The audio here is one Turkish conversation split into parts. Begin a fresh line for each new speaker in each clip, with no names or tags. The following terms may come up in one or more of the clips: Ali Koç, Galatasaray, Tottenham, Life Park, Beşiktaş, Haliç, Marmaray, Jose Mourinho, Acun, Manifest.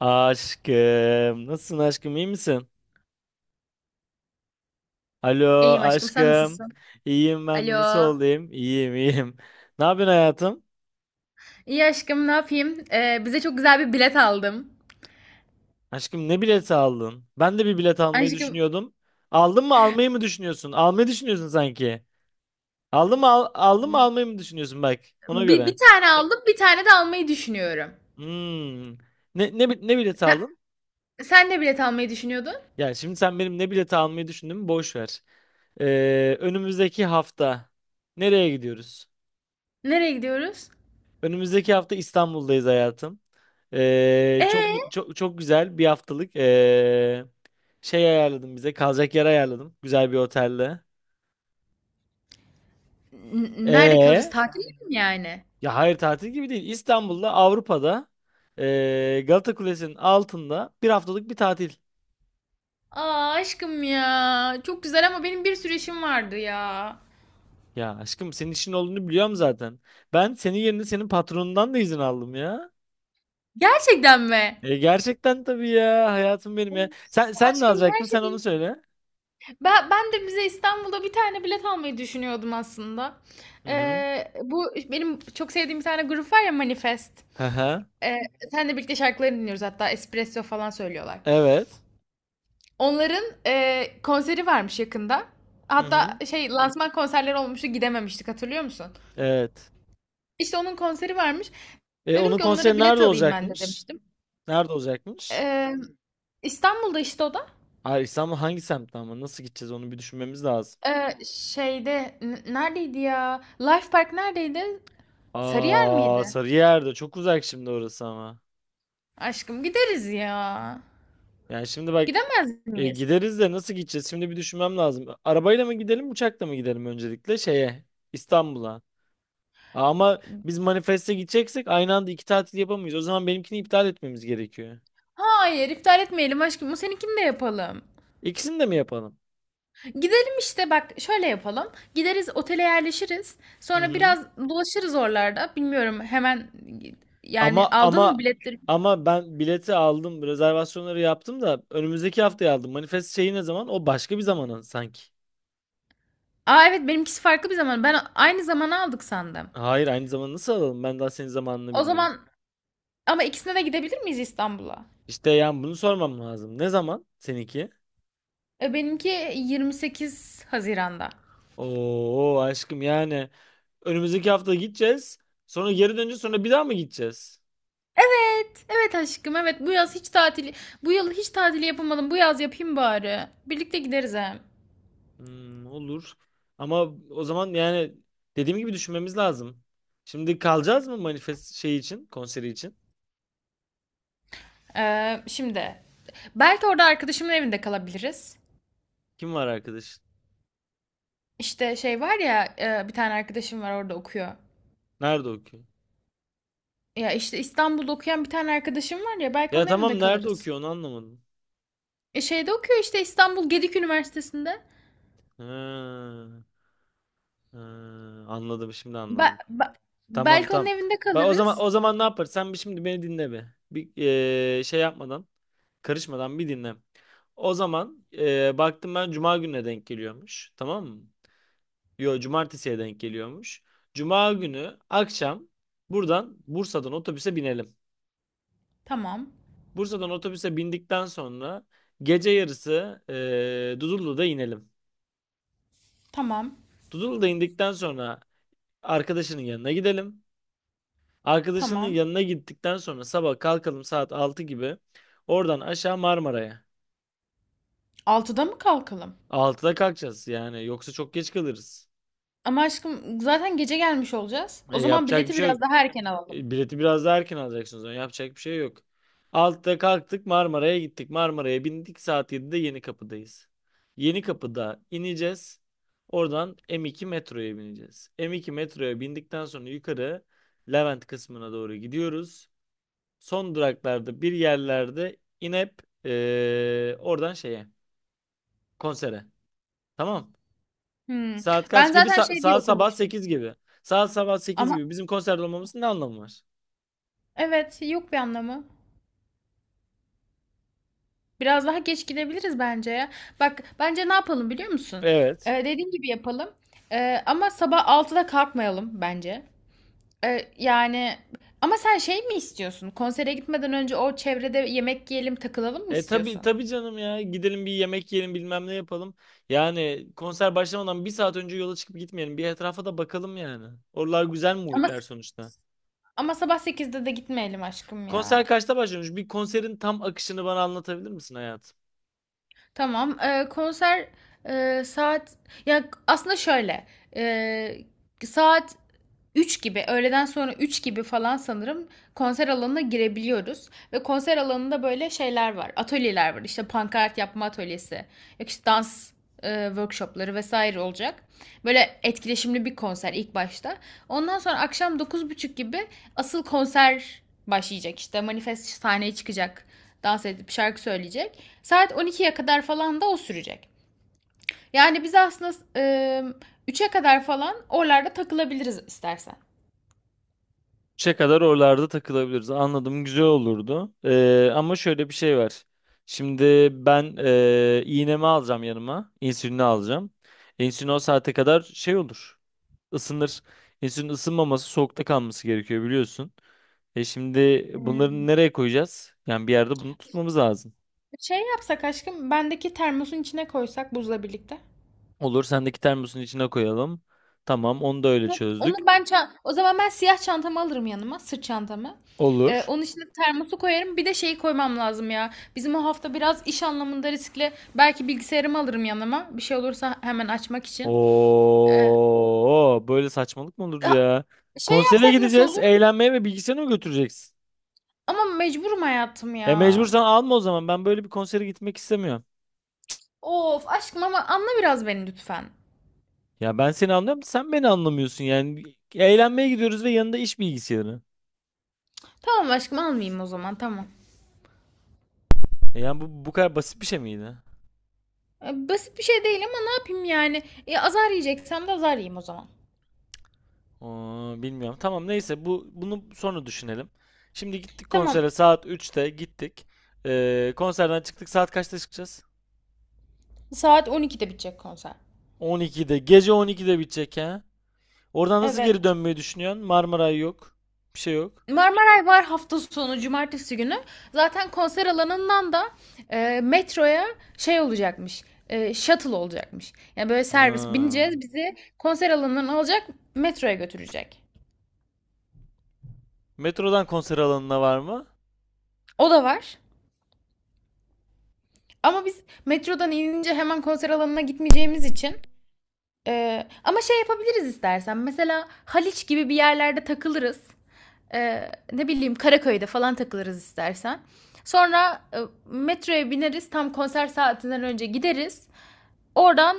Aşkım. Nasılsın aşkım? İyi misin? Alo
İyiyim aşkım, sen
aşkım.
nasılsın?
İyiyim ben
Alo.
de. Nasıl olayım? İyiyim iyiyim. Ne yapıyorsun hayatım?
İyi aşkım, ne yapayım? Bize çok güzel bir bilet aldım.
Aşkım ne bileti aldın? Ben de bir bilet almayı
Aşkım,
düşünüyordum. Aldın mı almayı mı düşünüyorsun? Almayı düşünüyorsun sanki. Aldın mı almayı mı düşünüyorsun bak. Ona
bir
göre.
tane aldım, bir tane de almayı düşünüyorum.
Hmm. Ne bileti
Sen,
aldın?
sen de bilet almayı düşünüyordun.
Ya şimdi sen benim ne bileti almayı düşündüğümü boş ver. Önümüzdeki hafta nereye gidiyoruz?
Nereye gidiyoruz?
Önümüzdeki hafta İstanbul'dayız hayatım. Çok
Ee,
çok çok güzel bir haftalık şey ayarladım bize. Kalacak yer ayarladım. Güzel bir otelde.
Nerede kalacağız?
Ee,
Tatilde mi yani?
Ya hayır, tatil gibi değil. İstanbul'da, Avrupa'da, Galata Kulesi'nin altında bir haftalık bir tatil.
Aa aşkım ya, çok güzel ama benim bir sürü işim vardı ya.
Ya aşkım, senin işin olduğunu biliyorum zaten. Ben senin yerine senin patronundan da izin aldım ya.
Gerçekten mi?
E, gerçekten tabii ya, hayatım benim
Of.
ya. Sen ne
Aşkım,
alacaktın?
her
Sen onu
şey...
söyle.
Ben de bize İstanbul'da bir tane bilet almayı düşünüyordum aslında.
Hı hı.
Bu benim çok sevdiğim bir tane grup var ya, Manifest.
Hı hı.
Ee, Senle birlikte şarkılarını dinliyoruz, hatta espresso falan söylüyorlar.
Evet.
Onların konseri varmış yakında.
Hı
Hatta
hı.
lansman konserleri olmuştu, gidememiştik, hatırlıyor musun?
Evet.
İşte onun konseri varmış.
E,
Dedim
onun
ki onlara
konseri
bilet
nerede
alayım ben de
olacakmış?
demiştim.
Nerede olacakmış?
Ee, İstanbul'da işte, o da.
Hayır, İstanbul hangi semtte ama, nasıl gideceğiz onu bir düşünmemiz lazım.
Şeyde neredeydi ya? Life Park neredeydi? Sarıyer
Aa,
miydi?
Sarıyer'de çok uzak şimdi orası ama.
Aşkım gideriz ya.
Yani şimdi bak,
Gidemez
e,
miyiz?
gideriz de nasıl gideceğiz? Şimdi bir düşünmem lazım. Arabayla mı gidelim uçakla mı gidelim, öncelikle şeye, İstanbul'a. Aa, ama biz manifeste gideceksek aynı anda iki tatil yapamayız. O zaman benimkini iptal etmemiz gerekiyor.
Hayır, iptal etmeyelim aşkım. Bu, seninkini de yapalım.
İkisini de mi yapalım?
Gidelim işte, bak şöyle yapalım. Gideriz, otele yerleşiriz.
Hı
Sonra
hı.
biraz dolaşırız oralarda. Bilmiyorum, hemen yani
Ama
aldın mı
ama
biletleri?
ama ben bileti aldım, rezervasyonları yaptım da önümüzdeki haftaya aldım. Manifest şeyi ne zaman? O başka bir zamana sanki.
Aa evet, benimkisi farklı bir zaman. Ben aynı zamana aldık sandım.
Hayır, aynı zaman nasıl alalım? Ben daha senin zamanını
O
bilmiyorum.
zaman, ama ikisine de gidebilir miyiz İstanbul'a?
İşte yani bunu sormam lazım. Ne zaman seninki?
Benimki 28 Haziran'da.
Oo aşkım, yani önümüzdeki hafta gideceğiz. Sonra geri döneceğiz, sonra bir daha mı gideceğiz?
Evet, evet aşkım, evet. Bu yaz hiç tatili, bu yıl hiç tatili yapamadım. Bu yaz yapayım bari. Birlikte gideriz hem.
Hmm, olur. Ama o zaman yani dediğim gibi düşünmemiz lazım. Şimdi kalacağız mı manifest şeyi için, konseri için?
Şimdi, belki orada arkadaşımın evinde kalabiliriz.
Kim var arkadaş?
İşte şey var ya, bir tane arkadaşım var, orada okuyor.
Nerede o?
Ya işte, İstanbul'da okuyan bir tane arkadaşım var ya, belki
Ya
onun evinde
tamam, nerede
kalırız.
okuyor onu anlamadım.
Şeyde okuyor işte, İstanbul Gedik Üniversitesi'nde.
Ha, ha, anladım, şimdi
Be-
anladım.
be-
Tamam
Belki onun
tamam.
evinde
Bak o zaman,
kalırız.
o zaman ne yapar? Sen bir şimdi beni dinle be. Bir şey yapmadan, karışmadan bir dinle. O zaman baktım ben cuma gününe denk geliyormuş. Tamam mı? Yo, cumartesiye denk geliyormuş. Cuma günü akşam buradan, Bursa'dan otobüse binelim.
Tamam,
Bursa'dan otobüse bindikten sonra gece yarısı Dudullu'da inelim.
tamam,
Dudullu'da indikten sonra arkadaşının yanına gidelim. Arkadaşının
tamam.
yanına gittikten sonra sabah kalkalım saat 6 gibi. Oradan aşağı Marmara'ya.
6'da mı kalkalım?
Altıda kalkacağız yani, yoksa çok geç kalırız.
Ama aşkım, zaten gece gelmiş olacağız.
E,
O zaman
yapacak bir
bileti
şey yok.
biraz daha erken alalım.
E, bileti biraz daha erken alacaksınız. Yani yapacak bir şey yok. 6'da kalktık, Marmara'ya gittik. Marmara'ya bindik, saat 7'de Yenikapı'dayız. Yenikapı'da ineceğiz. Oradan M2 metroya bineceğiz. M2 metroya bindikten sonra yukarı Levent kısmına doğru gidiyoruz. Son duraklarda bir yerlerde inip oradan şeye, konsere. Tamam.
Hmm.
Saat
Ben
kaç gibi?
zaten şey diye
Saat sabah
okumuştum.
8 gibi. Saat sabah 8
Ama
gibi bizim konserde olmamızın ne anlamı var?
evet, yok bir anlamı. Biraz daha geç gidebiliriz bence ya. Bak, bence ne yapalım biliyor musun?
Evet.
Dediğim gibi yapalım. Ama sabah 6'da kalkmayalım bence. Yani ama sen şey mi istiyorsun? Konsere gitmeden önce o çevrede yemek yiyelim, takılalım mı
E tabii
istiyorsun?
tabii canım ya. Gidelim bir yemek yiyelim, bilmem ne yapalım. Yani konser başlamadan bir saat önce yola çıkıp gitmeyelim. Bir etrafa da bakalım yani. Oralar güzel
Ama
muhitler sonuçta.
ama sabah 8'de de gitmeyelim aşkım
Konser
ya.
kaçta başlamış? Bir konserin tam akışını bana anlatabilir misin hayatım?
Tamam. Konser, saat, ya aslında şöyle, e, saat 3 gibi, öğleden sonra 3 gibi falan sanırım konser alanına girebiliyoruz. Ve konser alanında böyle şeyler var. Atölyeler var. İşte pankart yapma atölyesi. Yok, işte dans workshopları vesaire olacak. Böyle etkileşimli bir konser ilk başta. Ondan sonra akşam 9.30 gibi asıl konser başlayacak işte. Manifest sahneye çıkacak. Dans edip şarkı söyleyecek. Saat 12'ye kadar falan da o sürecek. Yani biz aslında 3'e kadar falan oralarda takılabiliriz istersen.
3'e kadar oralarda takılabiliriz. Anladım, güzel olurdu. Ama şöyle bir şey var. Şimdi ben, iğnemi alacağım yanıma. İnsülini alacağım. İnsülin o saate kadar şey olur. Isınır. İnsülin ısınmaması, soğukta kalması gerekiyor biliyorsun. E şimdi bunları nereye koyacağız? Yani bir yerde bunu tutmamız lazım.
Şey yapsak aşkım, bendeki termosun içine koysak buzla birlikte.
Olur, sendeki termosun içine koyalım. Tamam, onu da öyle çözdük.
O zaman ben siyah çantamı alırım yanıma, sırt çantamı.
Olur.
Onun içine termosu koyarım. Bir de şeyi koymam lazım ya. Bizim o hafta biraz iş anlamında riskli. Belki bilgisayarımı alırım yanıma. Bir şey olursa hemen açmak için. Ee,
Oo, böyle saçmalık mı olur
Ha,
ya?
Şey
Konsere
yapsak nasıl
gideceğiz,
olur?
eğlenmeye, ve bilgisayarını mı götüreceksin?
Ama mecburum hayatım
E
ya.
mecbursan alma o zaman. Ben böyle bir konsere gitmek istemiyorum.
Of aşkım, ama anla biraz beni lütfen.
Ya ben seni anlıyorum, da sen beni anlamıyorsun yani. Eğlenmeye gidiyoruz ve yanında iş bilgisayarı.
Tamam aşkım, almayayım o zaman, tamam.
E yani bu bu kadar basit bir şey miydi?
Basit bir şey değil ama ne yapayım yani? Azar yiyeceksem de azar yiyeyim o zaman.
Oo, bilmiyorum. Tamam neyse, bu bunu sonra düşünelim. Şimdi gittik konsere,
Tamam.
saat 3'te gittik. Konserden çıktık, saat kaçta çıkacağız?
Saat 12'de bitecek konser.
12'de. Gece 12'de bitecek ha. Oradan nasıl geri
Evet.
dönmeyi düşünüyorsun? Marmaray yok. Bir şey yok.
Marmaray var hafta sonu, cumartesi günü. Zaten konser alanından da metroya şey olacakmış. Shuttle olacakmış. Yani böyle servis
Ha.
bineceğiz, bizi konser alanından alacak, metroya götürecek.
Metrodan konser alanına var mı?
O da var. Ama biz metrodan inince hemen konser alanına gitmeyeceğimiz için. Ama şey yapabiliriz istersen. Mesela Haliç gibi bir yerlerde takılırız. Ne bileyim, Karaköy'de falan takılırız istersen. Sonra metroya bineriz. Tam konser saatinden önce gideriz. Oradan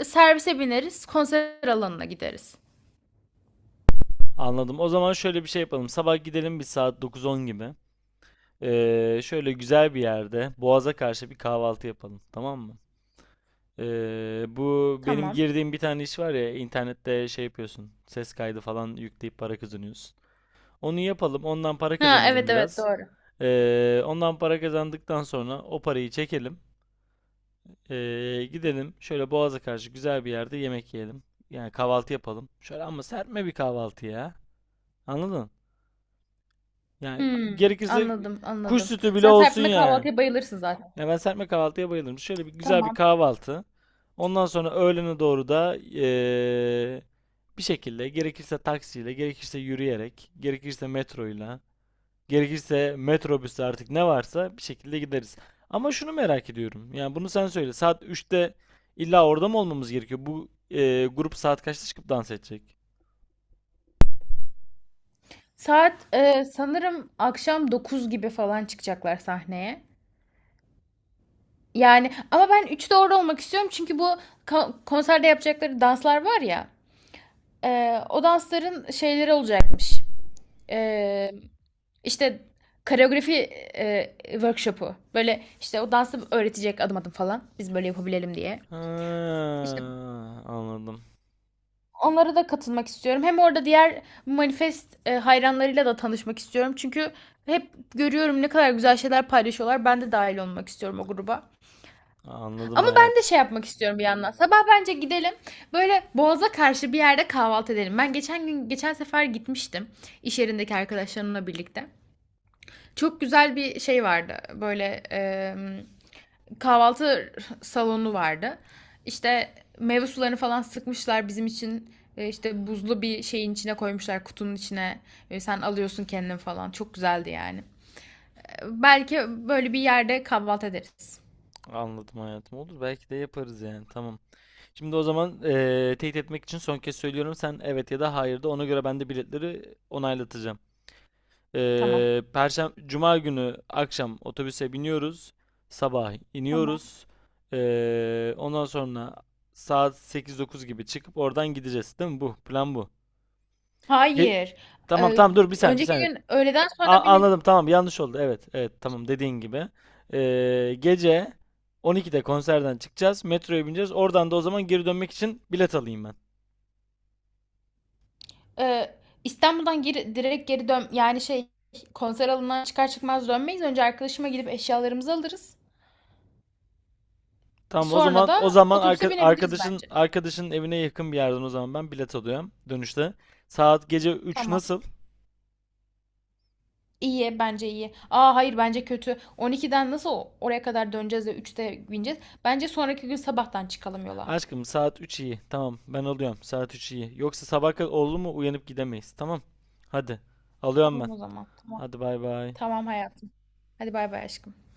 servise bineriz. Konser alanına gideriz.
Anladım. O zaman şöyle bir şey yapalım. Sabah gidelim bir saat 9-10 gibi. Şöyle güzel bir yerde Boğaz'a karşı bir kahvaltı yapalım. Tamam mı? Bu benim
Tamam.
girdiğim bir tane iş var ya, internette şey yapıyorsun. Ses kaydı falan yükleyip para kazanıyorsun. Onu yapalım. Ondan para
Ha,
kazanalım
evet, evet,
biraz.
doğru.
Ondan para kazandıktan sonra o parayı çekelim. Gidelim şöyle Boğaz'a karşı güzel bir yerde yemek yiyelim. Yani kahvaltı yapalım. Şöyle ama serpme bir kahvaltı ya. Anladın? Yani
Hmm,
gerekirse
anladım,
kuş
anladım.
sütü bile
Sen
olsun
serpme
ya.
kahvaltıya bayılırsın zaten.
Ya ben serpme kahvaltıya bayılırım. Şöyle bir güzel bir
Tamam.
kahvaltı. Ondan sonra öğlene doğru da bir şekilde gerekirse taksiyle, gerekirse yürüyerek, gerekirse metroyla. Gerekirse metrobüste, artık ne varsa bir şekilde gideriz. Ama şunu merak ediyorum. Yani bunu sen söyle. saat 3'te illa orada mı olmamız gerekiyor? Bu e, grup saat kaçta çıkıp dans edecek?
Saat sanırım akşam 9 gibi falan çıkacaklar sahneye. Yani ama ben 3 doğru olmak istiyorum, çünkü bu konserde yapacakları danslar var ya, o dansların şeyleri olacakmış. E, işte koreografi workshopu, böyle işte o dansı öğretecek adım adım falan, biz böyle yapabilelim diye.
Ha,
İşte
anladım.
onlara da katılmak istiyorum. Hem orada diğer Manifest hayranlarıyla da tanışmak istiyorum. Çünkü hep görüyorum ne kadar güzel şeyler paylaşıyorlar. Ben de dahil olmak istiyorum o gruba.
Anladım
Ama ben de
hayatım.
şey yapmak istiyorum bir yandan. Sabah bence gidelim. Böyle Boğaz'a karşı bir yerde kahvaltı edelim. Ben geçen gün, geçen sefer gitmiştim iş yerindeki arkadaşlarımla birlikte. Çok güzel bir şey vardı. Böyle kahvaltı salonu vardı. İşte meyve sularını falan sıkmışlar bizim için. İşte buzlu bir şeyin içine koymuşlar, kutunun içine. Sen alıyorsun kendin falan. Çok güzeldi yani. Belki böyle bir yerde kahvaltı ederiz.
Anladım hayatım. Olur, belki de yaparız yani. Tamam. Şimdi o zaman, e, teyit etmek için son kez söylüyorum. Sen evet ya da hayır de, ona göre ben de biletleri onaylatacağım.
Tamam.
Perşembe, Cuma günü akşam otobüse biniyoruz. Sabah
Tamam.
iniyoruz. Ondan sonra saat 8 9 gibi çıkıp oradan gideceğiz. Değil mi bu? Plan bu. Ye-
Hayır.
tamam
Ee,
tamam, dur bir saniye, bir
Önceki
saniye.
gün öğleden sonra binelim.
Anladım, tamam yanlış oldu. Evet evet tamam, dediğin gibi. Gece 12'de konserden çıkacağız. Metroya bineceğiz. Oradan da o zaman geri dönmek için bilet alayım ben.
Ee, İstanbul'dan geri, direkt geri dön yani, konser alanından çıkar çıkmaz dönmeyiz. Önce arkadaşıma gidip eşyalarımızı alırız.
Tamam o
Sonra
zaman, o
da
zaman
otobüse binebiliriz
arkadaşın
bence.
arkadaşın evine yakın bir yerden o zaman ben bilet alıyorum dönüşte. Saat gece 3
Tamam.
nasıl?
İyi, bence iyi. Aa hayır, bence kötü. 12'den nasıl oraya kadar döneceğiz de 3'te bineceğiz. Bence sonraki gün sabahtan çıkalım yola.
Aşkım saat 3 iyi. Tamam ben alıyorum. Saat 3 iyi. Yoksa sabah kadar oldu mu uyanıp gidemeyiz. Tamam. Hadi. Alıyorum ben.
Tamam o zaman. Tamam.
Hadi bay bay.
Tamam hayatım. Hadi bay bay aşkım.